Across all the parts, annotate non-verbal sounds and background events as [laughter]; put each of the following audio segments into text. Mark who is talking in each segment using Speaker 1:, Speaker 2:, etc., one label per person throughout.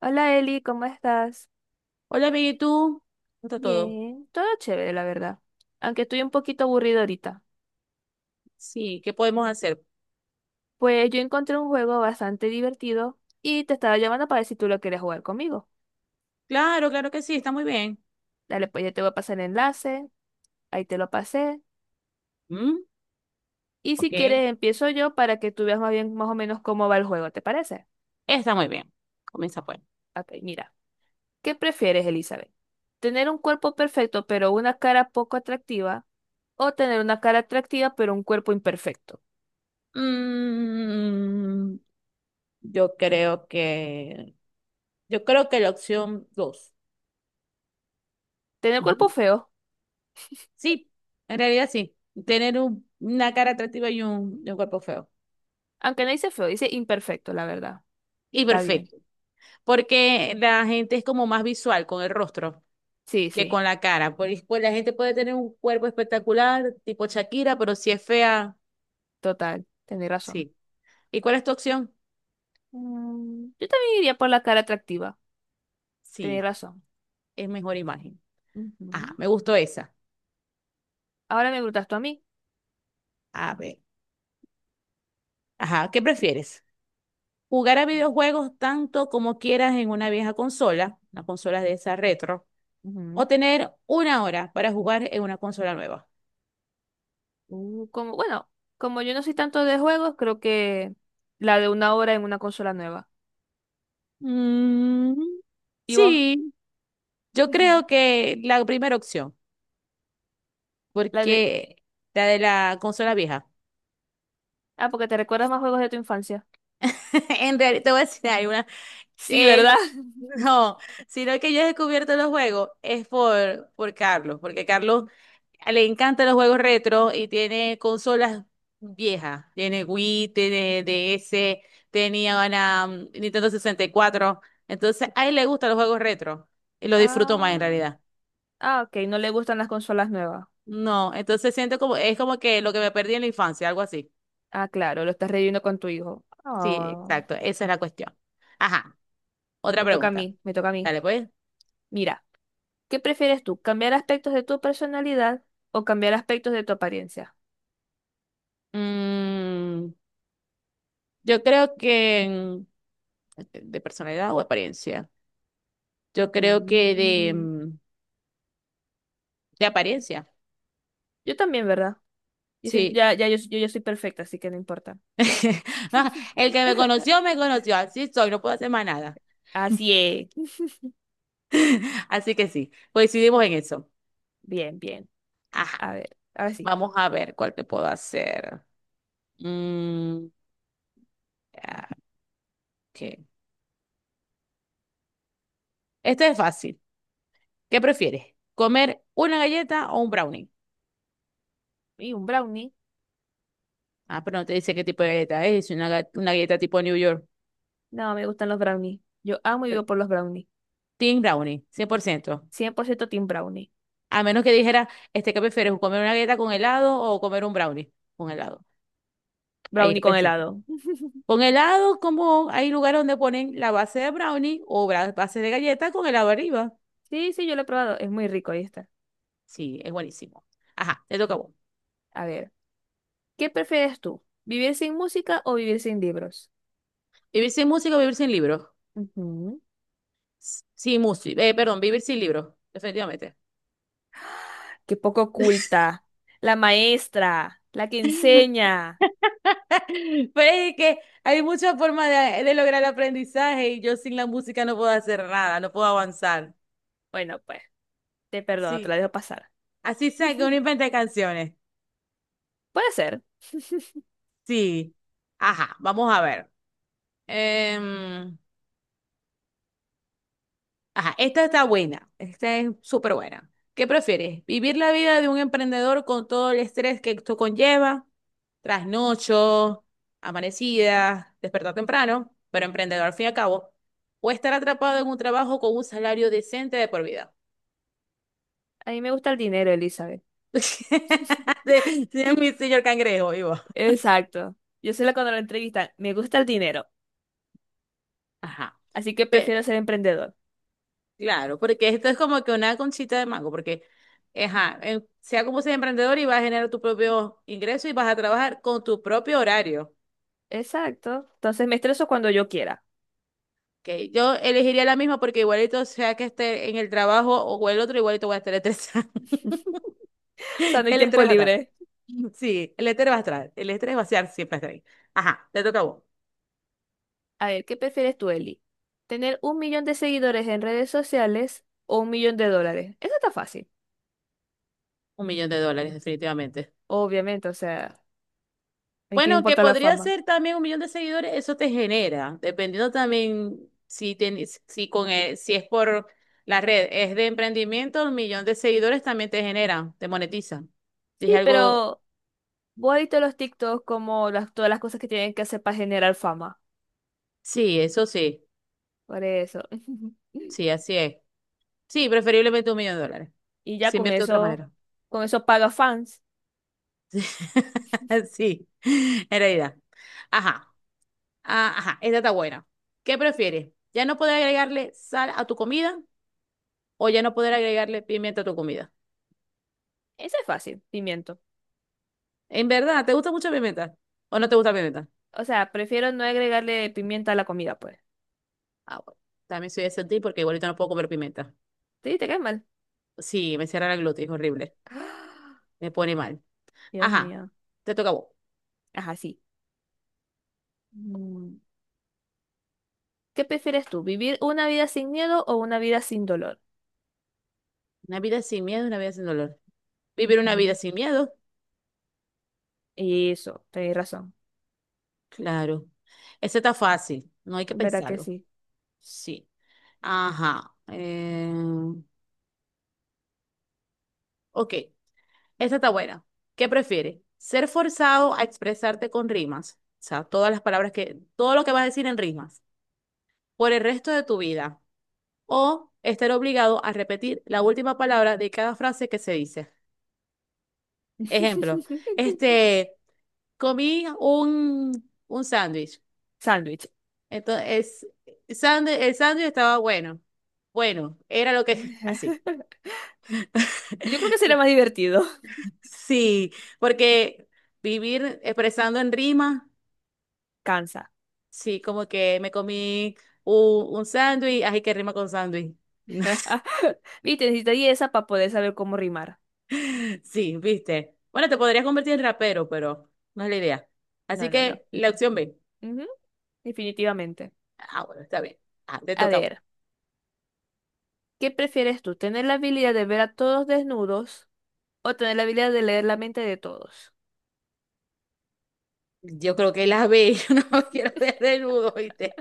Speaker 1: Hola Eli, ¿cómo estás?
Speaker 2: Hola, bien, ¿y tú? ¿Cómo está todo?
Speaker 1: Bien, todo chévere, la verdad. Aunque estoy un poquito aburrido ahorita.
Speaker 2: Sí, ¿qué podemos hacer?
Speaker 1: Pues yo encontré un juego bastante divertido y te estaba llamando para ver si tú lo quieres jugar conmigo.
Speaker 2: Claro, claro que sí, está muy bien.
Speaker 1: Dale, pues ya te voy a pasar el enlace, ahí te lo pasé.
Speaker 2: ¿Mm?
Speaker 1: Y
Speaker 2: Ok,
Speaker 1: si quieres empiezo yo para que tú veas más bien más o menos cómo va el juego, ¿te parece?
Speaker 2: está muy bien. Comienza pues.
Speaker 1: Ok, mira. ¿Qué prefieres, Elizabeth? ¿Tener un cuerpo perfecto pero una cara poco atractiva? ¿O tener una cara atractiva pero un cuerpo imperfecto?
Speaker 2: Mm, yo creo que, yo creo que la opción dos.
Speaker 1: ¿Tener cuerpo
Speaker 2: Ujú.
Speaker 1: feo?
Speaker 2: Sí, en realidad sí. Tener una cara atractiva y y un cuerpo feo.
Speaker 1: Aunque no dice feo, dice imperfecto, la verdad.
Speaker 2: Y
Speaker 1: Está bien.
Speaker 2: perfecto. Porque la gente es como más visual con el rostro
Speaker 1: Sí,
Speaker 2: que
Speaker 1: sí,
Speaker 2: con la cara. Pues la gente puede tener un cuerpo espectacular, tipo Shakira, pero si es fea.
Speaker 1: total. Tenéis razón.
Speaker 2: Sí. ¿Y cuál es tu opción?
Speaker 1: Yo también iría por la cara atractiva. Tenéis
Speaker 2: Sí,
Speaker 1: razón.
Speaker 2: es mejor imagen. Ajá,
Speaker 1: Ujú.
Speaker 2: me gustó esa.
Speaker 1: Ahora me preguntas tú a mí.
Speaker 2: A ver. Ajá, ¿qué prefieres? ¿Jugar a videojuegos tanto como quieras en una vieja consola, una consola de esa retro, o
Speaker 1: Ujú.
Speaker 2: tener una hora para jugar en una consola nueva?
Speaker 1: Bueno, como yo no soy tanto de juegos, creo que la de una hora en una consola nueva.
Speaker 2: Mm,
Speaker 1: ¿Y vos?
Speaker 2: sí, yo creo
Speaker 1: [laughs]
Speaker 2: que la primera opción,
Speaker 1: La de...
Speaker 2: porque la de la consola vieja.
Speaker 1: Ah, porque te recuerdas más juegos de tu infancia.
Speaker 2: [laughs] En realidad, te voy a decir, hay una,
Speaker 1: Sí,
Speaker 2: Eh,
Speaker 1: ¿verdad?
Speaker 2: lo-
Speaker 1: [laughs]
Speaker 2: [laughs] no, sino que yo he descubierto los juegos es por Carlos, porque Carlos le encantan los juegos retro y tiene consolas viejas. Tiene Wii, tiene DS, tenía una Nintendo 64. Entonces, a él le gustan los juegos retro y lo disfruto más en
Speaker 1: Ah,
Speaker 2: realidad.
Speaker 1: ah, ok, no le gustan las consolas nuevas.
Speaker 2: No, entonces siento como, es como que lo que me perdí en la infancia, algo así.
Speaker 1: Ah, claro, lo estás reviviendo con tu hijo.
Speaker 2: Sí,
Speaker 1: Ah,
Speaker 2: exacto, esa es la cuestión. Ajá, otra
Speaker 1: me toca a
Speaker 2: pregunta.
Speaker 1: mí, me toca a mí.
Speaker 2: Dale, pues.
Speaker 1: Mira, ¿qué prefieres tú? ¿Cambiar aspectos de tu personalidad o cambiar aspectos de tu apariencia?
Speaker 2: Mm, Yo creo que de personalidad o apariencia. Yo creo que
Speaker 1: Mm.
Speaker 2: de apariencia,
Speaker 1: Yo también, ¿verdad?
Speaker 2: sí.
Speaker 1: Ya, ya, yo ya soy perfecta, así que no importa.
Speaker 2: [laughs] Ah, el que me conoció,
Speaker 1: [laughs]
Speaker 2: me conoció. Así soy, no puedo hacer más nada.
Speaker 1: Así es.
Speaker 2: [laughs] Así que sí, coincidimos en eso.
Speaker 1: Bien, bien.
Speaker 2: Ajá,
Speaker 1: A ver, ahora sí.
Speaker 2: vamos a ver cuál te puedo hacer. Mm, ah, ok. Este es fácil. ¿Qué prefieres? ¿Comer una galleta o un brownie?
Speaker 1: Y un brownie.
Speaker 2: Ah, pero no te dice qué tipo de galleta es. Es una galleta tipo New York.
Speaker 1: No, me gustan los brownies. Yo amo y
Speaker 2: eh,
Speaker 1: vivo por los brownies.
Speaker 2: Team brownie, 100%.
Speaker 1: 100% team brownie.
Speaker 2: A menos que dijera, este, ¿qué prefieres? ¿Comer una galleta con helado o comer un brownie con helado? Ahí
Speaker 1: Brownie
Speaker 2: es
Speaker 1: con
Speaker 2: pensar.
Speaker 1: helado.
Speaker 2: Con helado, como hay lugares donde ponen la base de brownie o base de galleta con helado arriba.
Speaker 1: Sí, sí, yo lo he probado. Es muy rico, ahí está.
Speaker 2: Sí, es buenísimo. Ajá, te toca a vos.
Speaker 1: A ver, ¿qué prefieres tú? ¿Vivir sin música o vivir sin libros?
Speaker 2: ¿Vivir sin música o vivir sin libros?
Speaker 1: Ujú.
Speaker 2: Sin música, perdón, vivir sin libros, definitivamente.
Speaker 1: Qué poco oculta. La maestra, la que
Speaker 2: [laughs]
Speaker 1: enseña.
Speaker 2: Pero es que hay muchas formas de lograr el aprendizaje, y yo sin la música no puedo hacer nada, no puedo avanzar.
Speaker 1: Bueno, pues, te perdono, te la
Speaker 2: Sí,
Speaker 1: dejo pasar.
Speaker 2: así sea que uno
Speaker 1: [laughs]
Speaker 2: invente canciones.
Speaker 1: Puede ser.
Speaker 2: Sí. Ajá, vamos a ver. Em, ajá, esta está buena. Esta es súper buena. ¿Qué prefieres? ¿Vivir la vida de un emprendedor con todo el estrés que esto conlleva? Trasnocho, amanecida, despertar temprano, pero emprendedor al fin y al cabo. ¿O estar atrapado en un trabajo con un salario decente de por vida?
Speaker 1: A mí me gusta el dinero, Elizabeth.
Speaker 2: [laughs] De-
Speaker 1: [laughs]
Speaker 2: de mi señor cangrejo, vivo.
Speaker 1: Exacto. Yo soy la cuando lo entrevistan. Me gusta el dinero,
Speaker 2: Ajá.
Speaker 1: así que prefiero ser emprendedor.
Speaker 2: Claro, porque esto es como que una conchita de mango, porque, ajá, sea como sea emprendedor y vas a generar tu propio ingreso y vas a trabajar con tu propio horario.
Speaker 1: Exacto. Entonces me estreso cuando yo quiera.
Speaker 2: Que yo elegiría la misma, porque igualito sea que esté en el trabajo o el otro, igualito voy a estar estresada.
Speaker 1: [laughs] O sea, no
Speaker 2: [laughs]
Speaker 1: hay
Speaker 2: El
Speaker 1: tiempo
Speaker 2: estrés va a estar.
Speaker 1: libre.
Speaker 2: Sí, el estrés va a estar. El estrés va a estar, siempre está ahí. Ajá, te toca a vos.
Speaker 1: A ver, ¿qué prefieres tú, Eli? ¿Tener un millón de seguidores en redes sociales o un millón de dólares? Eso está fácil,
Speaker 2: Un millón de dólares, definitivamente.
Speaker 1: obviamente. O sea, ¿en qué
Speaker 2: Bueno, que
Speaker 1: importa la
Speaker 2: podría
Speaker 1: fama?
Speaker 2: ser también un millón de seguidores, eso te genera, dependiendo también si tienes, si es por la red, es de emprendimiento, un millón de seguidores también te genera, te monetiza. Dije
Speaker 1: Sí,
Speaker 2: algo,
Speaker 1: pero vos has visto los TikToks como todas las cosas que tienen que hacer para generar fama.
Speaker 2: sí, eso sí,
Speaker 1: Por eso. [laughs]
Speaker 2: sí, así es. Sí, preferiblemente un millón de dólares.
Speaker 1: Y ya
Speaker 2: Se
Speaker 1: con
Speaker 2: invierte de otra
Speaker 1: eso,
Speaker 2: manera.
Speaker 1: con eso paga fans.
Speaker 2: [laughs] Sí, en realidad. Ajá, ajá, esta está buena. ¿Qué prefieres? ¿Ya no poder agregarle sal a tu comida o ya no poder agregarle pimienta a tu comida?
Speaker 1: Eso es fácil, pimiento.
Speaker 2: En verdad, ¿te gusta mucho la pimienta? ¿O no te gusta la pimienta?
Speaker 1: O sea, prefiero no agregarle pimienta a la comida, pues.
Speaker 2: Ah, bueno. También soy de sentir, porque igualito no puedo comer pimienta.
Speaker 1: Sí, te cae mal.
Speaker 2: Sí, me cierra la glotis, es horrible.
Speaker 1: [gasps]
Speaker 2: Me pone mal.
Speaker 1: Dios
Speaker 2: Ajá,
Speaker 1: mío.
Speaker 2: te toca a vos.
Speaker 1: Ajá, sí. Mm. ¿Qué prefieres tú? ¿Vivir una vida sin miedo o una vida sin dolor?
Speaker 2: Una vida sin miedo, una vida sin dolor. ¿Vivir una vida
Speaker 1: Ujú.
Speaker 2: sin miedo?
Speaker 1: Eso, tenés razón.
Speaker 2: Claro. Eso está fácil, no hay que
Speaker 1: En verdad que
Speaker 2: pensarlo.
Speaker 1: sí.
Speaker 2: Sí. Ajá. Ok, esta está buena. ¿Qué prefieres? ¿Ser forzado a expresarte con rimas? O sea, todas todo lo que vas a decir en rimas por el resto de tu vida. O estar obligado a repetir la última palabra de cada frase que se dice. Ejemplo,
Speaker 1: [laughs]
Speaker 2: este, comí un sándwich.
Speaker 1: Sándwich.
Speaker 2: Entonces, el sándwich estaba bueno. Bueno, era lo que... [laughs] Así.
Speaker 1: [laughs] Yo creo que
Speaker 2: [laughs]
Speaker 1: sería
Speaker 2: Sí,
Speaker 1: más divertido.
Speaker 2: sí, porque vivir expresando en rima,
Speaker 1: [laughs] Cansa.
Speaker 2: sí, como que me comí un sándwich, así que rima con sándwich. [laughs]
Speaker 1: [laughs] Viste, necesitaría esa para poder saber cómo rimar.
Speaker 2: [laughs] Sí, viste. Bueno, te podrías convertir en rapero, pero no es la idea.
Speaker 1: No,
Speaker 2: Así
Speaker 1: no, no.
Speaker 2: que la opción B.
Speaker 1: Ujú, definitivamente.
Speaker 2: Ah, bueno, está bien. Ah, te
Speaker 1: A
Speaker 2: toca.
Speaker 1: ver, ¿qué prefieres tú? ¿Tener la habilidad de ver a todos desnudos o tener la habilidad de leer la mente de todos?
Speaker 2: Yo creo que la B. [laughs] Yo no quiero ver desnudo, viste.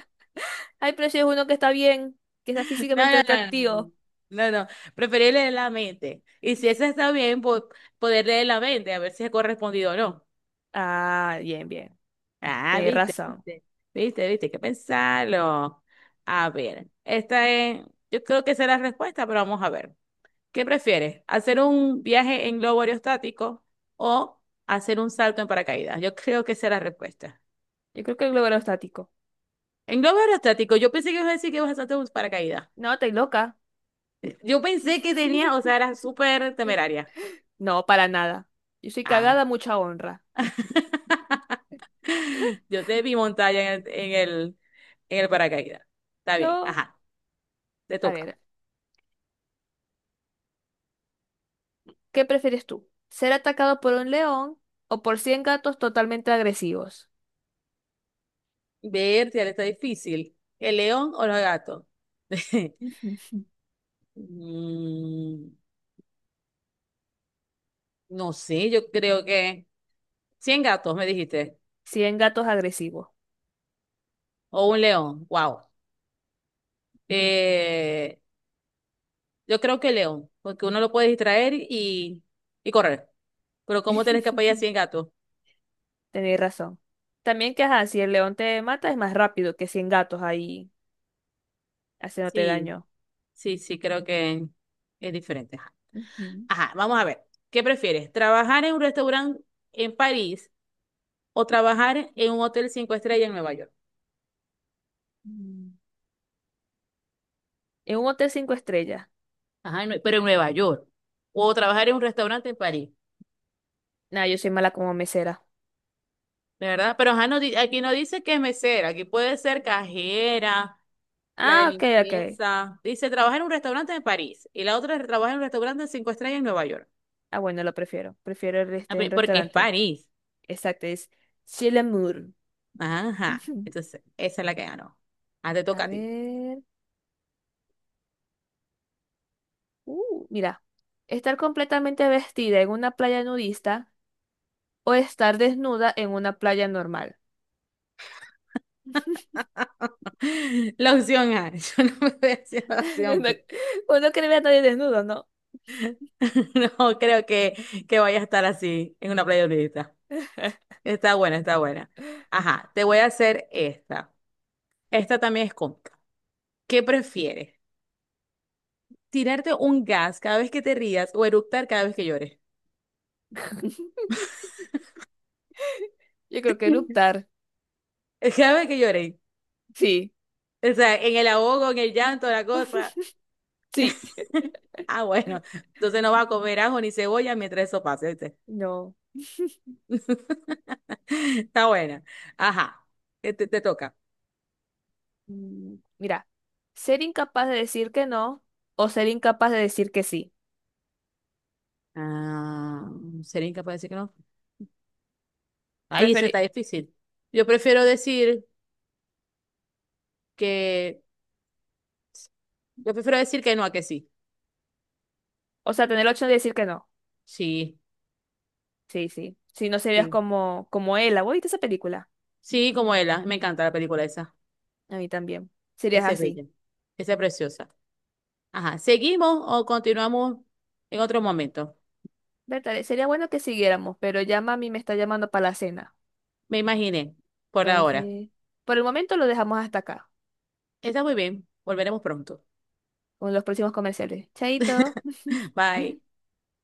Speaker 1: Ay, pero si es uno que está bien, que está
Speaker 2: No,
Speaker 1: físicamente
Speaker 2: no, no.
Speaker 1: atractivo.
Speaker 2: No, no. No. Preferir leer la mente. Y si esa está bien, poder leer la mente, a ver si es correspondido o no.
Speaker 1: Ah, bien, bien.
Speaker 2: Ah,
Speaker 1: Tienes
Speaker 2: viste,
Speaker 1: razón.
Speaker 2: viste. Viste, viste, hay que pensarlo. A ver, esta es. Yo creo que esa es la respuesta, pero vamos a ver. ¿Qué prefieres? ¿Hacer un viaje en globo aerostático o hacer un salto en paracaídas? Yo creo que esa es la respuesta.
Speaker 1: Yo creo que el globo estático.
Speaker 2: En globo aerostático, yo pensé que ibas a decir que ibas a saltar un paracaídas.
Speaker 1: No, estoy loca.
Speaker 2: Yo pensé que tenía, o
Speaker 1: [laughs]
Speaker 2: sea, era súper temeraria.
Speaker 1: No, para nada. Yo soy
Speaker 2: Ah.
Speaker 1: cagada, mucha honra.
Speaker 2: [laughs]
Speaker 1: [laughs]
Speaker 2: Yo te vi montada en en el paracaídas. Está bien,
Speaker 1: No.
Speaker 2: ajá, te
Speaker 1: A
Speaker 2: toca.
Speaker 1: ver. ¿Qué prefieres tú? ¿Ser atacado por un león o por 100 gatos totalmente agresivos?
Speaker 2: Ver, ya está difícil. ¿El león o los gatos? [laughs]
Speaker 1: [laughs]
Speaker 2: Mm, no sé, yo creo que 100 gatos, me dijiste.
Speaker 1: 100 gatos agresivos.
Speaker 2: O un león, wow. Eh, yo creo que león, porque uno lo puede distraer y correr. Pero ¿cómo tenés que apoyar 100
Speaker 1: [laughs]
Speaker 2: gatos?
Speaker 1: Tenéis razón. También que, ajá, si el león te mata es más rápido que 100 gatos ahí haciéndote
Speaker 2: Sí,
Speaker 1: daño.
Speaker 2: sí, sí, creo que es diferente. Ajá,
Speaker 1: Ujú.
Speaker 2: ajá, vamos a ver. ¿Qué prefieres? ¿Trabajar en un restaurante en París o trabajar en un hotel cinco estrellas en Nueva York?
Speaker 1: Mm. En un hotel 5 estrellas.
Speaker 2: Ajá, pero en Nueva York. O trabajar en un restaurante en París,
Speaker 1: Nah, yo soy mala como mesera.
Speaker 2: ¿de verdad? Pero ajá, aquí no dice que es mesera, aquí puede ser cajera, la de
Speaker 1: Ah, ok, ok.
Speaker 2: limpieza. Dice, trabaja en un restaurante en París y la otra trabaja en un restaurante de cinco estrellas en Nueva York.
Speaker 1: Ah, bueno, lo prefiero. Prefiero el
Speaker 2: Ah,
Speaker 1: este en
Speaker 2: porque es
Speaker 1: restaurante.
Speaker 2: París.
Speaker 1: Exacto, es Chilemour.
Speaker 2: Ajá.
Speaker 1: [laughs]
Speaker 2: Entonces, esa es la que ganó. Ah, te
Speaker 1: A
Speaker 2: toca a ti.
Speaker 1: ver. Mira, estar completamente vestida en una playa nudista o estar desnuda en una playa normal.
Speaker 2: [laughs] La opción A. [laughs] Yo no me voy a decir la
Speaker 1: [laughs]
Speaker 2: opción
Speaker 1: No-
Speaker 2: B.
Speaker 1: Uno quiere ver a nadie desnudo, ¿no?
Speaker 2: [laughs] No creo que vaya a estar así en una playa nudista. Está buena, está buena. Ajá, te voy a hacer esta. Esta también es cómica. ¿Qué prefieres? ¿Tirarte un gas cada vez que te rías o eructar cada vez que llores?
Speaker 1: [laughs] Yo creo que eructar.
Speaker 2: [laughs] Cada vez que llores.
Speaker 1: Sí,
Speaker 2: O sea, en el ahogo, en el llanto, la cosa.
Speaker 1: sí. [laughs]
Speaker 2: [laughs] Ah, bueno. Entonces no va a comer ajo ni cebolla mientras eso pase, ¿viste?
Speaker 1: No.
Speaker 2: [laughs] Está buena. Ajá. Te toca.
Speaker 1: Mira, ser incapaz de decir que no o ser incapaz de decir que sí.
Speaker 2: Ah, ¿sería incapaz de decir que no? Ay, eso está
Speaker 1: Preferi-
Speaker 2: difícil. Yo prefiero decir que, yo prefiero decir que no a que sí.
Speaker 1: o sea, tener la opción de decir que no.
Speaker 2: Sí,
Speaker 1: Sí, sí. Si no serías
Speaker 2: sí.
Speaker 1: como Ella. ¿Vos viste esa película?
Speaker 2: Sí, como ella. Me encanta la película esa.
Speaker 1: A mí también. Serías
Speaker 2: Esa es
Speaker 1: así.
Speaker 2: bella. Esa es preciosa. Ajá. ¿Seguimos o continuamos en otro momento?
Speaker 1: Bertale, sería bueno que siguiéramos, pero ya mami me está llamando para la cena.
Speaker 2: Me imaginé, por ahora.
Speaker 1: Entonces, por el momento lo dejamos hasta acá,
Speaker 2: Está muy bien. Volveremos pronto.
Speaker 1: con los próximos comerciales. Chaito.
Speaker 2: [laughs] Bye.
Speaker 1: [laughs]